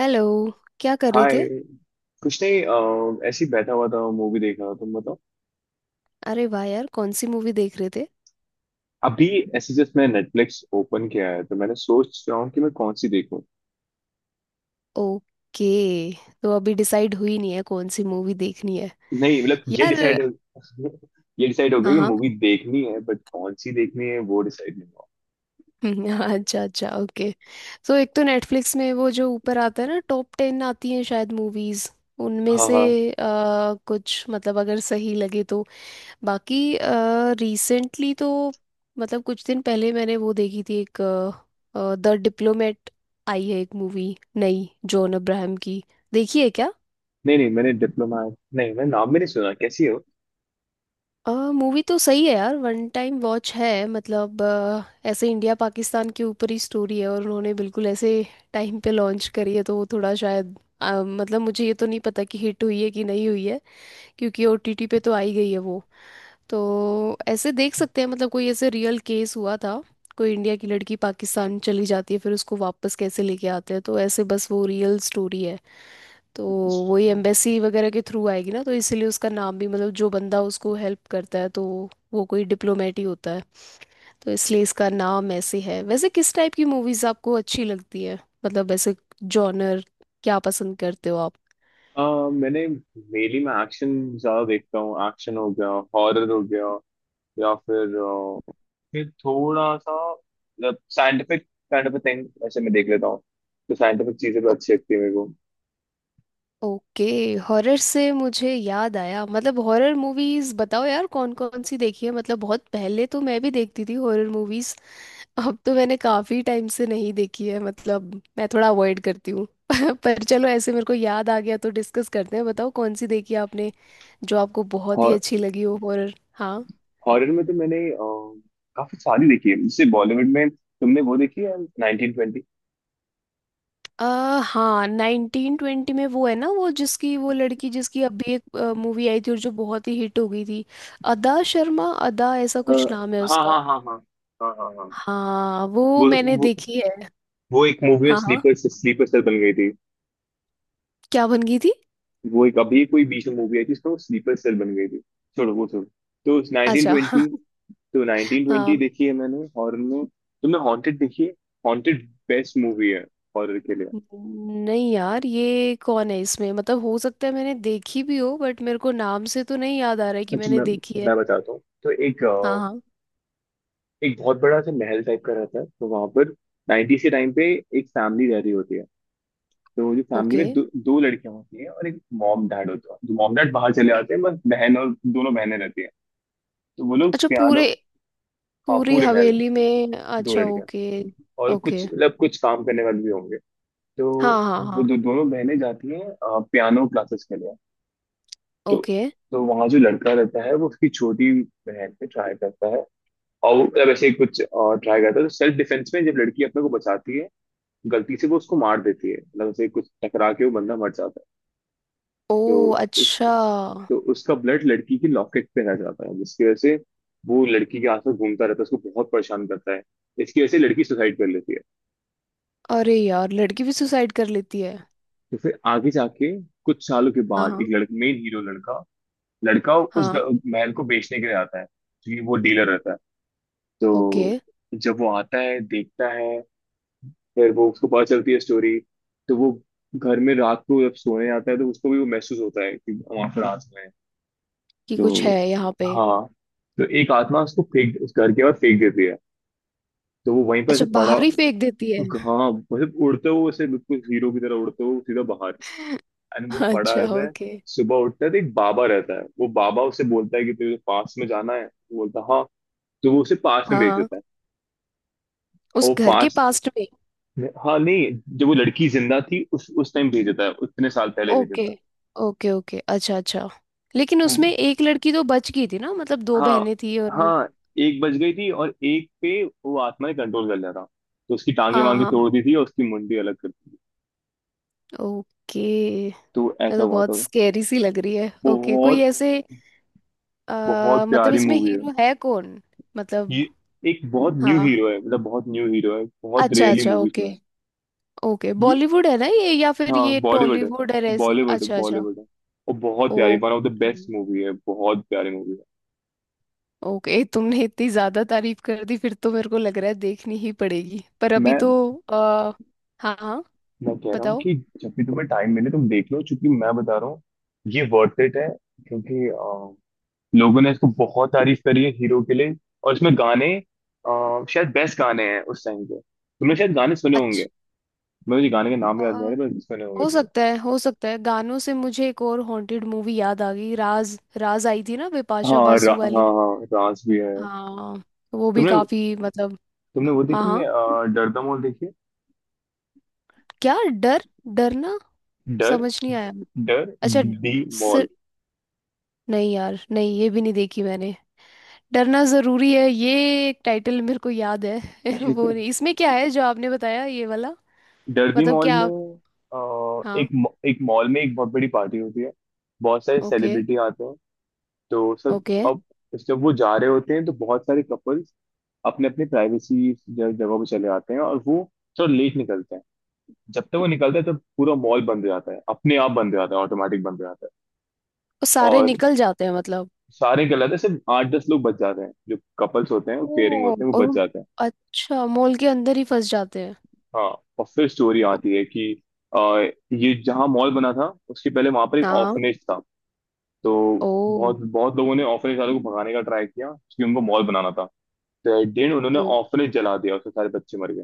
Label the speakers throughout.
Speaker 1: Hello. क्या कर रहे
Speaker 2: हाय।
Speaker 1: थे?
Speaker 2: कुछ नहीं। ऐसे ही बैठा हुआ था, मूवी देख रहा था, तुम बताओ।
Speaker 1: अरे वाह यार, कौन सी मूवी देख रहे थे?
Speaker 2: अभी ऐसे जस्ट मैंने नेटफ्लिक्स ओपन किया है, तो मैंने सोच रहा हूँ कि मैं कौन सी देखूँ।
Speaker 1: ओके, तो अभी डिसाइड हुई नहीं है कौन सी मूवी देखनी है?
Speaker 2: नहीं मतलब ये
Speaker 1: यार,
Speaker 2: डिसाइड ये डिसाइड हो गया
Speaker 1: हाँ
Speaker 2: कि
Speaker 1: हाँ।
Speaker 2: मूवी देखनी है, बट कौन सी देखनी है वो डिसाइड नहीं हुआ।
Speaker 1: अच्छा अच्छा, ओके। सो एक तो नेटफ्लिक्स में वो जो ऊपर आता है ना, टॉप 10 आती हैं शायद मूवीज, उनमें
Speaker 2: हाँ
Speaker 1: से
Speaker 2: हाँ।
Speaker 1: अ, कुछ, मतलब अगर सही लगे तो। बाकी रिसेंटली तो, मतलब कुछ दिन पहले मैंने वो देखी थी एक, द डिप्लोमेट आई है एक मूवी नई, जॉन अब्राहम की। देखी है क्या?
Speaker 2: नहीं नहीं, मैंने डिप्लोमा नहीं, मैंने नाम भी नहीं सुना, कैसी है वो।
Speaker 1: मूवी तो सही है यार, वन टाइम वॉच है। मतलब ऐसे इंडिया पाकिस्तान के ऊपर ही स्टोरी है, और उन्होंने बिल्कुल ऐसे टाइम पे लॉन्च करी है, तो वो थोड़ा शायद मतलब मुझे ये तो नहीं पता कि हिट हुई है कि नहीं हुई है, क्योंकि ओटीटी पे तो आई गई है वो। तो ऐसे देख सकते हैं, मतलब कोई ऐसे रियल केस हुआ था, कोई इंडिया की लड़की पाकिस्तान चली जाती है, फिर उसको वापस कैसे लेके आते हैं, तो ऐसे बस वो रियल स्टोरी है। तो वही एम्बेसी वगैरह के थ्रू आएगी ना, तो इसलिए उसका नाम भी, मतलब जो बंदा उसको हेल्प करता है तो वो कोई डिप्लोमेट ही होता है, तो इसलिए इसका नाम ऐसे है। वैसे किस टाइप की मूवीज आपको अच्छी लगती है, मतलब ऐसे जॉनर क्या पसंद करते हो आप?
Speaker 2: मैंने मेनली मैं एक्शन ज्यादा देखता हूँ। एक्शन हो गया, हॉरर हो गया, या फिर फिर थोड़ा सा मतलब साइंटिफिक काइंड ऑफ थिंग ऐसे मैं देख लेता हूँ। तो साइंटिफिक चीजें भी
Speaker 1: ओ-
Speaker 2: अच्छी लगती है मेरे को।
Speaker 1: ओके। हॉरर से मुझे याद आया, मतलब हॉरर मूवीज बताओ यार, कौन कौन सी देखी है? मतलब बहुत पहले तो मैं भी देखती थी हॉरर मूवीज, अब तो मैंने काफी टाइम से नहीं देखी है, मतलब मैं थोड़ा अवॉइड करती हूँ। पर चलो, ऐसे मेरे को याद आ गया तो डिस्कस करते हैं। बताओ कौन सी देखी आपने, जो आपको बहुत ही
Speaker 2: हॉर
Speaker 1: अच्छी लगी हो हॉरर? हाँ।
Speaker 2: हॉरर में तो मैंने काफी सारी देखी है। जैसे बॉलीवुड में तुमने वो देखी है नाइनटीन ट्वेंटी।
Speaker 1: हाँ, 1920 में वो है ना, वो जिसकी, वो लड़की जिसकी अभी एक मूवी आई थी और जो बहुत ही हिट हो गई थी, अदा शर्मा, अदा ऐसा कुछ नाम है
Speaker 2: हाँ
Speaker 1: उसका।
Speaker 2: हाँ हाँ। हाँ हाँ हाँ। हाँ
Speaker 1: हाँ वो
Speaker 2: वो
Speaker 1: मैंने
Speaker 2: वो,
Speaker 1: देखी है।
Speaker 2: वो एक मूवी में
Speaker 1: हाँ हाँ।
Speaker 2: स्लीपर स्लीपर सेल बन गई थी।
Speaker 1: क्या बन गई थी?
Speaker 2: वो एक अभी कोई बीच में मूवी आई थी, उसमें वो स्लीपर सेल बन गई थी। छोड़ो वो छोड़ो। तो नाइनटीन
Speaker 1: अच्छा।
Speaker 2: ट्वेंटी, तो
Speaker 1: हाँ।
Speaker 2: 1920 देखी है मैंने हॉरर में। तुमने हॉन्टेड देखी है? हॉन्टेड बेस्ट मूवी है हॉरर के लिए।
Speaker 1: नहीं यार, ये कौन है इसमें, मतलब हो सकता है मैंने देखी भी हो, बट मेरे को नाम से तो नहीं याद आ रहा है कि
Speaker 2: अच्छा
Speaker 1: मैंने देखी है।
Speaker 2: मैं बताता हूँ। तो एक
Speaker 1: हाँ हाँ।
Speaker 2: एक बहुत बड़ा सा महल टाइप का रहता है, तो वहां पर 90s के टाइम पे एक फैमिली रह रही होती है। तो वो जो फैमिली
Speaker 1: ओके।
Speaker 2: में दो लड़कियां होती हैं और एक मॉम डैड होता है। जो मॉम डैड बाहर चले जाते हैं, बस बहन और दोनों बहनें रहती हैं। तो वो लोग
Speaker 1: अच्छा पूरे,
Speaker 2: पियानो। हाँ
Speaker 1: पूरी
Speaker 2: पूरे महल में
Speaker 1: हवेली में,
Speaker 2: दो
Speaker 1: अच्छा
Speaker 2: लड़कियां,
Speaker 1: ओके।
Speaker 2: और कुछ
Speaker 1: ओके।
Speaker 2: मतलब कुछ काम करने वाले भी होंगे। तो
Speaker 1: हाँ हाँ
Speaker 2: वो
Speaker 1: हाँ।
Speaker 2: दोनों बहनें जाती हैं पियानो क्लासेस के लिए। तो
Speaker 1: ओके।
Speaker 2: तो वहां जो लड़का रहता है वो उसकी छोटी बहन पे ट्राई करता है। और मतलब ऐसे ही कुछ और ट्राई करता है। तो सेल्फ डिफेंस में जब लड़की अपने को बचाती है, गलती से वो उसको मार देती है, मतलब उसे कुछ टकरा के वो बंदा मर जाता है।
Speaker 1: ओ
Speaker 2: तो उस
Speaker 1: अच्छा।
Speaker 2: तो उसका ब्लड लड़की की लॉकेट पे रह जाता है, जिसकी वजह से वो लड़की के आसपास घूमता रहता है, उसको बहुत परेशान करता है। इसकी वजह से लड़की सुसाइड कर लेती है।
Speaker 1: अरे यार लड़की भी सुसाइड कर लेती है?
Speaker 2: तो फिर आगे जाके, कुछ सालों के
Speaker 1: हाँ
Speaker 2: बाद
Speaker 1: हाँ
Speaker 2: एक लड़का, मेन हीरो, लड़का लड़का उस
Speaker 1: हाँ।
Speaker 2: महल को बेचने के लिए आता है, क्योंकि वो डीलर रहता है।
Speaker 1: ओके।
Speaker 2: तो जब वो आता है देखता है, फिर वो उसको पता चलती है स्टोरी। तो वो घर में रात को जब सोने जाता है तो उसको भी वो महसूस होता है कि हम आखिर रात में हैं।
Speaker 1: कि कुछ
Speaker 2: तो
Speaker 1: है यहाँ पे।
Speaker 2: हाँ, तो एक आत्मा उसको फेंक, उस घर के बाहर फेंक देती है। तो वो वहीं पर
Speaker 1: अच्छा,
Speaker 2: ऐसे पड़ा।
Speaker 1: बाहर ही फेंक देती है?
Speaker 2: हाँ मतलब उड़ते हुए, ऐसे बिल्कुल हीरो की तरह उड़ते हुए सीधा बाहर, एंड वो पड़ा
Speaker 1: अच्छा,
Speaker 2: रहता है।
Speaker 1: ओके।
Speaker 2: सुबह उठता है तो एक बाबा रहता है, वो बाबा उसे बोलता है कि तुझे पास में जाना है, वो बोलता है हाँ। तो वो उसे पास में
Speaker 1: हाँ
Speaker 2: भेज
Speaker 1: हाँ,
Speaker 2: देता है। और
Speaker 1: उस
Speaker 2: वो
Speaker 1: घर के
Speaker 2: पास,
Speaker 1: पास में।
Speaker 2: नहीं- हाँ नहीं, जब वो लड़की जिंदा थी उस टाइम भेजा था, उतने साल पहले भेजा
Speaker 1: ओके,
Speaker 2: था।
Speaker 1: ओके, ओके, अच्छा अच्छा। लेकिन
Speaker 2: वो
Speaker 1: उसमें एक लड़की तो बच गई थी ना, मतलब दो
Speaker 2: हाँ
Speaker 1: बहनें थी और एक-।
Speaker 2: हाँ। एक बच गई थी और एक पे वो आत्मा ने कंट्रोल कर लिया था। तो उसकी टांगे
Speaker 1: हाँ
Speaker 2: वांगे
Speaker 1: हाँ।
Speaker 2: तोड़ दी थी और उसकी मुंडी अलग कर दी थी।
Speaker 1: ओके।
Speaker 2: तो
Speaker 1: ये
Speaker 2: ऐसा
Speaker 1: तो
Speaker 2: हुआ
Speaker 1: बहुत
Speaker 2: था।
Speaker 1: स्केरी सी लग रही है। ओके, कोई
Speaker 2: बहुत
Speaker 1: ऐसे
Speaker 2: बहुत
Speaker 1: मतलब
Speaker 2: प्यारी
Speaker 1: इसमें
Speaker 2: मूवी है
Speaker 1: हीरो है कौन,
Speaker 2: ये।
Speaker 1: मतलब?
Speaker 2: एक बहुत न्यू हीरो
Speaker 1: हाँ,
Speaker 2: है, मतलब बहुत न्यू हीरो है, बहुत
Speaker 1: अच्छा
Speaker 2: रेयरली
Speaker 1: अच्छा,
Speaker 2: मूवीज में
Speaker 1: ओके।
Speaker 2: है
Speaker 1: ओके,
Speaker 2: ये।
Speaker 1: बॉलीवुड है ना ये, या फिर
Speaker 2: हाँ
Speaker 1: ये
Speaker 2: बॉलीवुड है।
Speaker 1: टॉलीवुड है ऐसी?
Speaker 2: बॉलीवुड
Speaker 1: अच्छा अच्छा,
Speaker 2: बॉलीवुड है। और बहुत प्यारी, one of the
Speaker 1: okay.
Speaker 2: Best movie है, बहुत प्यारी मूवी है।
Speaker 1: ओके, तुमने इतनी ज्यादा तारीफ कर दी फिर तो, मेरे को लग रहा है देखनी ही पड़ेगी, पर अभी
Speaker 2: मैं
Speaker 1: तो आ, हाँ हाँ,
Speaker 2: मैं कह रहा हूँ
Speaker 1: बताओ।
Speaker 2: कि जब भी तुम्हें टाइम मिले तुम देख लो, क्योंकि मैं बता रहा हूँ ये वर्थ इट है। क्योंकि लोगों ने इसको बहुत तारीफ करी है हीरो के लिए। और इसमें गाने शायद बेस्ट गाने हैं उस टाइम के, तुमने शायद गाने सुने होंगे।
Speaker 1: अच्छा।
Speaker 2: मुझे गाने का नाम याद नहीं आ
Speaker 1: अ,
Speaker 2: रहा, पर सुने होंगे
Speaker 1: हो
Speaker 2: तुमने।
Speaker 1: सकता है, हो सकता है। गानों से मुझे एक और हॉन्टेड मूवी याद आ गई, राज, राज आई थी ना बिपाशा बासु
Speaker 2: हाँ
Speaker 1: वाली।
Speaker 2: हाँ राज भी है।
Speaker 1: हाँ। वो भी
Speaker 2: तुमने
Speaker 1: काफी मतलब।
Speaker 2: तुमने वो
Speaker 1: हाँ
Speaker 2: देखी है
Speaker 1: हाँ,
Speaker 2: डर द मॉल देखी है?
Speaker 1: क्या? डर? डरना,
Speaker 2: डर,
Speaker 1: समझ नहीं आया।
Speaker 2: डर
Speaker 1: अच्छा।
Speaker 2: दी
Speaker 1: सिर,
Speaker 2: मॉल।
Speaker 1: नहीं यार नहीं, ये भी नहीं देखी मैंने। डरना जरूरी है ये एक टाइटल मेरे को याद है। वो नहीं, इसमें क्या है जो आपने बताया ये वाला,
Speaker 2: डर्बी
Speaker 1: मतलब
Speaker 2: मॉल
Speaker 1: क्या
Speaker 2: में
Speaker 1: आप?
Speaker 2: अ, एक
Speaker 1: हाँ।
Speaker 2: एक मॉल में एक बहुत बड़ी पार्टी होती है, बहुत सारे
Speaker 1: ओके,
Speaker 2: सेलिब्रिटी आते हैं। तो सर,
Speaker 1: ओके।
Speaker 2: अब जब वो जा रहे होते हैं तो बहुत सारे कपल्स अपने अपने प्राइवेसी जगह पे चले आते हैं और वो थोड़ा लेट निकलते हैं। जब तक वो निकलते हैं तब पूरा मॉल बंद हो जाता है, अपने आप बंद हो जाता है, ऑटोमेटिक बंद हो जाता है।
Speaker 1: वो सारे
Speaker 2: और
Speaker 1: निकल जाते हैं मतलब?
Speaker 2: सारे निकल जाते हैं, सिर्फ आठ दस लोग बच जाते हैं, जो कपल्स होते हैं,
Speaker 1: ओ,
Speaker 2: पेयरिंग होते हैं, वो
Speaker 1: और
Speaker 2: बच
Speaker 1: हम,
Speaker 2: जाते हैं।
Speaker 1: अच्छा मॉल के अंदर ही फंस जाते हैं?
Speaker 2: हाँ। और फिर स्टोरी
Speaker 1: ओ,
Speaker 2: आती है कि अ, ये जहाँ मॉल बना था उसके पहले वहां पर एक
Speaker 1: हाँ हाँ।
Speaker 2: ऑर्फनेज था। तो
Speaker 1: ओ
Speaker 2: बहुत बहुत लोगों ने ऑर्फनेज वालों को भगाने का ट्राई किया, क्योंकि उनको मॉल बनाना था। तो एट उन्होंने
Speaker 1: ओ।
Speaker 2: ऑर्फनेज जला दिया, उसमें सारे बच्चे मर गए।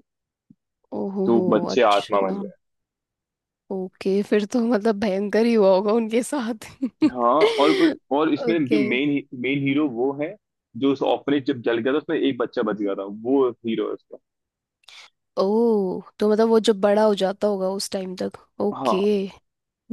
Speaker 1: ओ हो
Speaker 2: तो
Speaker 1: हो।
Speaker 2: बच्चे आत्मा
Speaker 1: अच्छा,
Speaker 2: बन गए।
Speaker 1: ओके, फिर तो मतलब भयंकर ही हुआ होगा उनके साथ।
Speaker 2: हाँ। और इसमें जो
Speaker 1: ओके।
Speaker 2: मेन मेन हीरो वो है, जो उस ऑर्फनेज जब जल गया था उसमें एक बच्चा बच गया था, वो हीरो है उसका।
Speaker 1: ओ, तो मतलब वो जब बड़ा हो जाता होगा उस टाइम तक,
Speaker 2: हाँ
Speaker 1: ओके।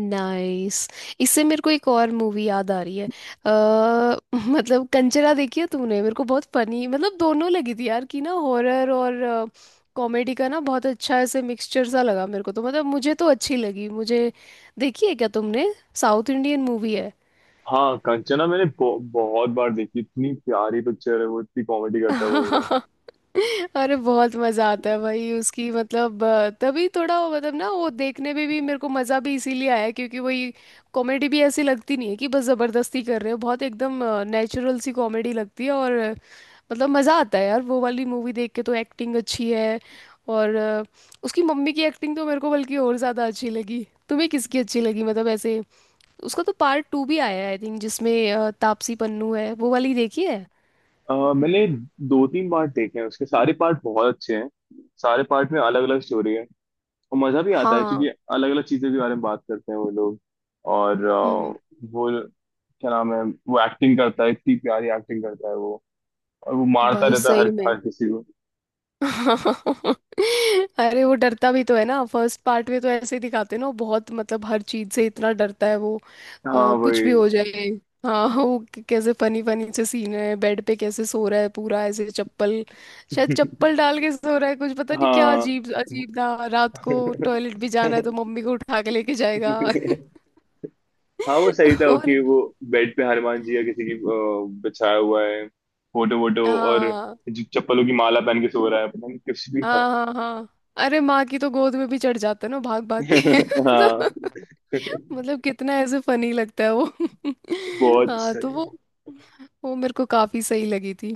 Speaker 1: नाइस। इससे मेरे को एक और मूवी याद आ रही है, अ, मतलब, कंचना देखी है तूने? मेरे को बहुत फनी मतलब दोनों लगी थी यार, कि ना हॉरर और कॉमेडी का ना बहुत अच्छा ऐसे मिक्सचर सा लगा मेरे को, तो मतलब मुझे तो अच्छी लगी मुझे। देखी है क्या तुमने? साउथ इंडियन मूवी है।
Speaker 2: हाँ। कंचना मैंने बहुत बार देखी, इतनी प्यारी पिक्चर है, वो इतनी कॉमेडी करता है वो हीरो।
Speaker 1: अरे बहुत मजा आता है भाई उसकी, मतलब तभी थोड़ा वो मतलब ना, वो देखने में भी मेरे को मजा भी इसीलिए आया क्योंकि वही, कॉमेडी भी ऐसी लगती नहीं है कि बस जबरदस्ती कर रहे हो, बहुत एकदम नेचुरल सी कॉमेडी लगती है, और मतलब मजा आता है यार वो वाली मूवी देख के, तो एक्टिंग अच्छी है, और उसकी मम्मी की एक्टिंग तो मेरे को बल्कि और ज्यादा अच्छी लगी, तुम्हें किसकी अच्छी लगी मतलब ऐसे? उसका तो पार्ट 2 भी आया है आई थिंक, जिसमें तापसी पन्नू है, वो वाली देखी है?
Speaker 2: मैंने दो तीन पार्ट देखे हैं उसके, सारे पार्ट बहुत अच्छे हैं। सारे पार्ट में अलग अलग स्टोरी है, और मजा भी आता है,
Speaker 1: हाँ।
Speaker 2: क्योंकि अलग अलग चीजों के बारे में बात करते हैं वो लोग। और वो क्या नाम है, वो एक्टिंग करता है, इतनी प्यारी एक्टिंग करता है वो। और वो मारता
Speaker 1: भाई
Speaker 2: रहता है हर
Speaker 1: सही में।
Speaker 2: हर किसी को।
Speaker 1: अरे वो डरता भी तो है ना फर्स्ट पार्ट में, तो ऐसे ही दिखाते हैं ना, वो बहुत मतलब हर चीज से इतना डरता है वो,
Speaker 2: हाँ
Speaker 1: कुछ भी
Speaker 2: वही।
Speaker 1: हो जाए। हाँ, वो कैसे फनी फनी से सीन है, बेड पे कैसे सो रहा है पूरा ऐसे चप्पल, शायद चप्पल डाल के सो रहा है कुछ पता नहीं, क्या
Speaker 2: हाँ
Speaker 1: अजीब अजीब था, रात को टॉयलेट भी जाना है तो मम्मी को उठा के लेके जाएगा।
Speaker 2: हाँ वो सही था
Speaker 1: और
Speaker 2: कि वो बेड पे हनुमान जी या किसी की बिछाया हुआ है फोटो वोटो, और
Speaker 1: हाँ
Speaker 2: जो चप्पलों की माला पहन के सो रहा है, पता नहीं कुछ भी
Speaker 1: हाँ
Speaker 2: था।
Speaker 1: हाँ हाँ। अरे माँ की तो गोद में भी चढ़ जाते हैं ना, भाग भाग के।
Speaker 2: हाँ
Speaker 1: मतलब, मतलब कितना ऐसे फनी लगता है वो।
Speaker 2: बहुत
Speaker 1: हाँ तो
Speaker 2: सही।
Speaker 1: वो मेरे को काफी सही लगी थी,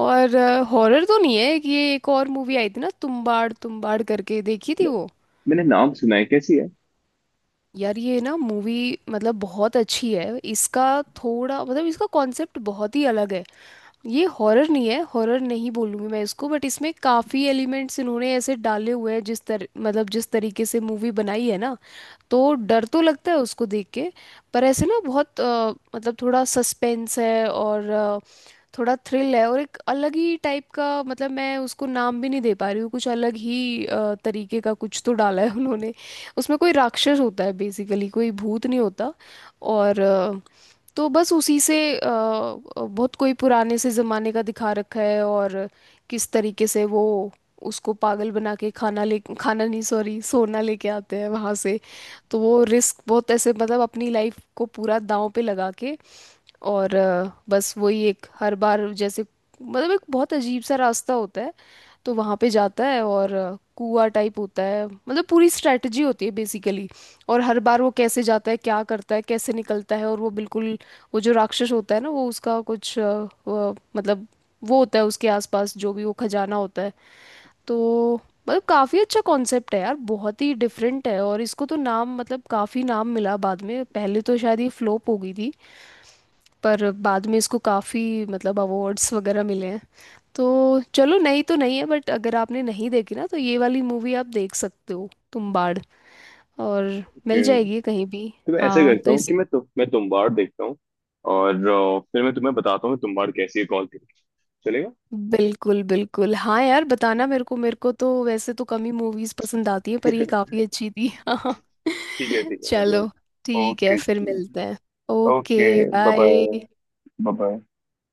Speaker 1: और। हॉरर तो नहीं है कि, ये एक और मूवी आई थी ना तुम्बाड़, तुम्बाड़ करके, देखी थी वो?
Speaker 2: मैंने नाम सुना है, कैसी है?
Speaker 1: यार ये ना मूवी मतलब बहुत अच्छी है, इसका थोड़ा मतलब इसका कॉन्सेप्ट बहुत ही अलग है। ये हॉरर नहीं है, हॉरर नहीं बोलूँगी मैं इसको, बट इसमें काफ़ी एलिमेंट्स इन्होंने ऐसे डाले हुए हैं, जिस तर मतलब जिस तरीके से मूवी बनाई है ना, तो डर तो लगता है उसको देख के। पर ऐसे ना बहुत मतलब थोड़ा सस्पेंस है, और थोड़ा थ्रिल है, और एक अलग ही टाइप का, मतलब मैं उसको नाम भी नहीं दे पा रही हूँ, कुछ अलग ही तरीके का कुछ तो डाला है उन्होंने। उसमें कोई राक्षस होता है बेसिकली, कोई भूत नहीं होता, और तो बस उसी से बहुत कोई पुराने से ज़माने का दिखा रखा है, और किस तरीके से वो उसको पागल बना के, खाना नहीं सॉरी, सोना लेके आते हैं वहाँ से, तो वो रिस्क बहुत ऐसे, मतलब अपनी लाइफ को पूरा दांव पे लगा के, और बस वही एक हर बार जैसे, मतलब एक बहुत अजीब सा रास्ता होता है, तो वहाँ पे जाता है, और कुआं टाइप होता है, मतलब पूरी स्ट्रेटजी होती है बेसिकली। और हर बार वो कैसे जाता है, क्या करता है, कैसे निकलता है, और वो बिल्कुल, वो जो राक्षस होता है ना, वो उसका कुछ मतलब वो होता है उसके आसपास जो भी वो खजाना होता है। तो मतलब काफ़ी अच्छा कॉन्सेप्ट है यार, बहुत ही डिफरेंट है, और इसको तो नाम, मतलब काफ़ी नाम मिला बाद में, पहले तो शायद ये फ्लोप हो गई थी, पर बाद में इसको काफ़ी मतलब अवार्ड्स वगैरह मिले हैं। तो चलो, नई तो नहीं है बट अगर आपने नहीं देखी ना, तो ये वाली मूवी आप देख सकते हो, तुम्बाड़, और मिल
Speaker 2: ओके।
Speaker 1: जाएगी कहीं भी।
Speaker 2: तो मैं ऐसे
Speaker 1: हाँ
Speaker 2: करता
Speaker 1: तो
Speaker 2: हूँ
Speaker 1: इस,
Speaker 2: कि मैं तुम्बाड़ देखता हूँ। और फिर मैं तुम्हें बताता हूँ कि तुम्बाड़ कैसी है कॉल करके। चलेगा?
Speaker 1: बिल्कुल बिल्कुल हाँ यार, बताना मेरे को, मेरे को तो वैसे तो कम ही मूवीज पसंद आती है पर ये काफ़ी अच्छी थी। हाँ,
Speaker 2: ठीक है
Speaker 1: चलो,
Speaker 2: मतलब।
Speaker 1: ठीक है
Speaker 2: ओके।
Speaker 1: फिर मिलते हैं। Okay,
Speaker 2: okay bye.
Speaker 1: Bye.
Speaker 2: Bye.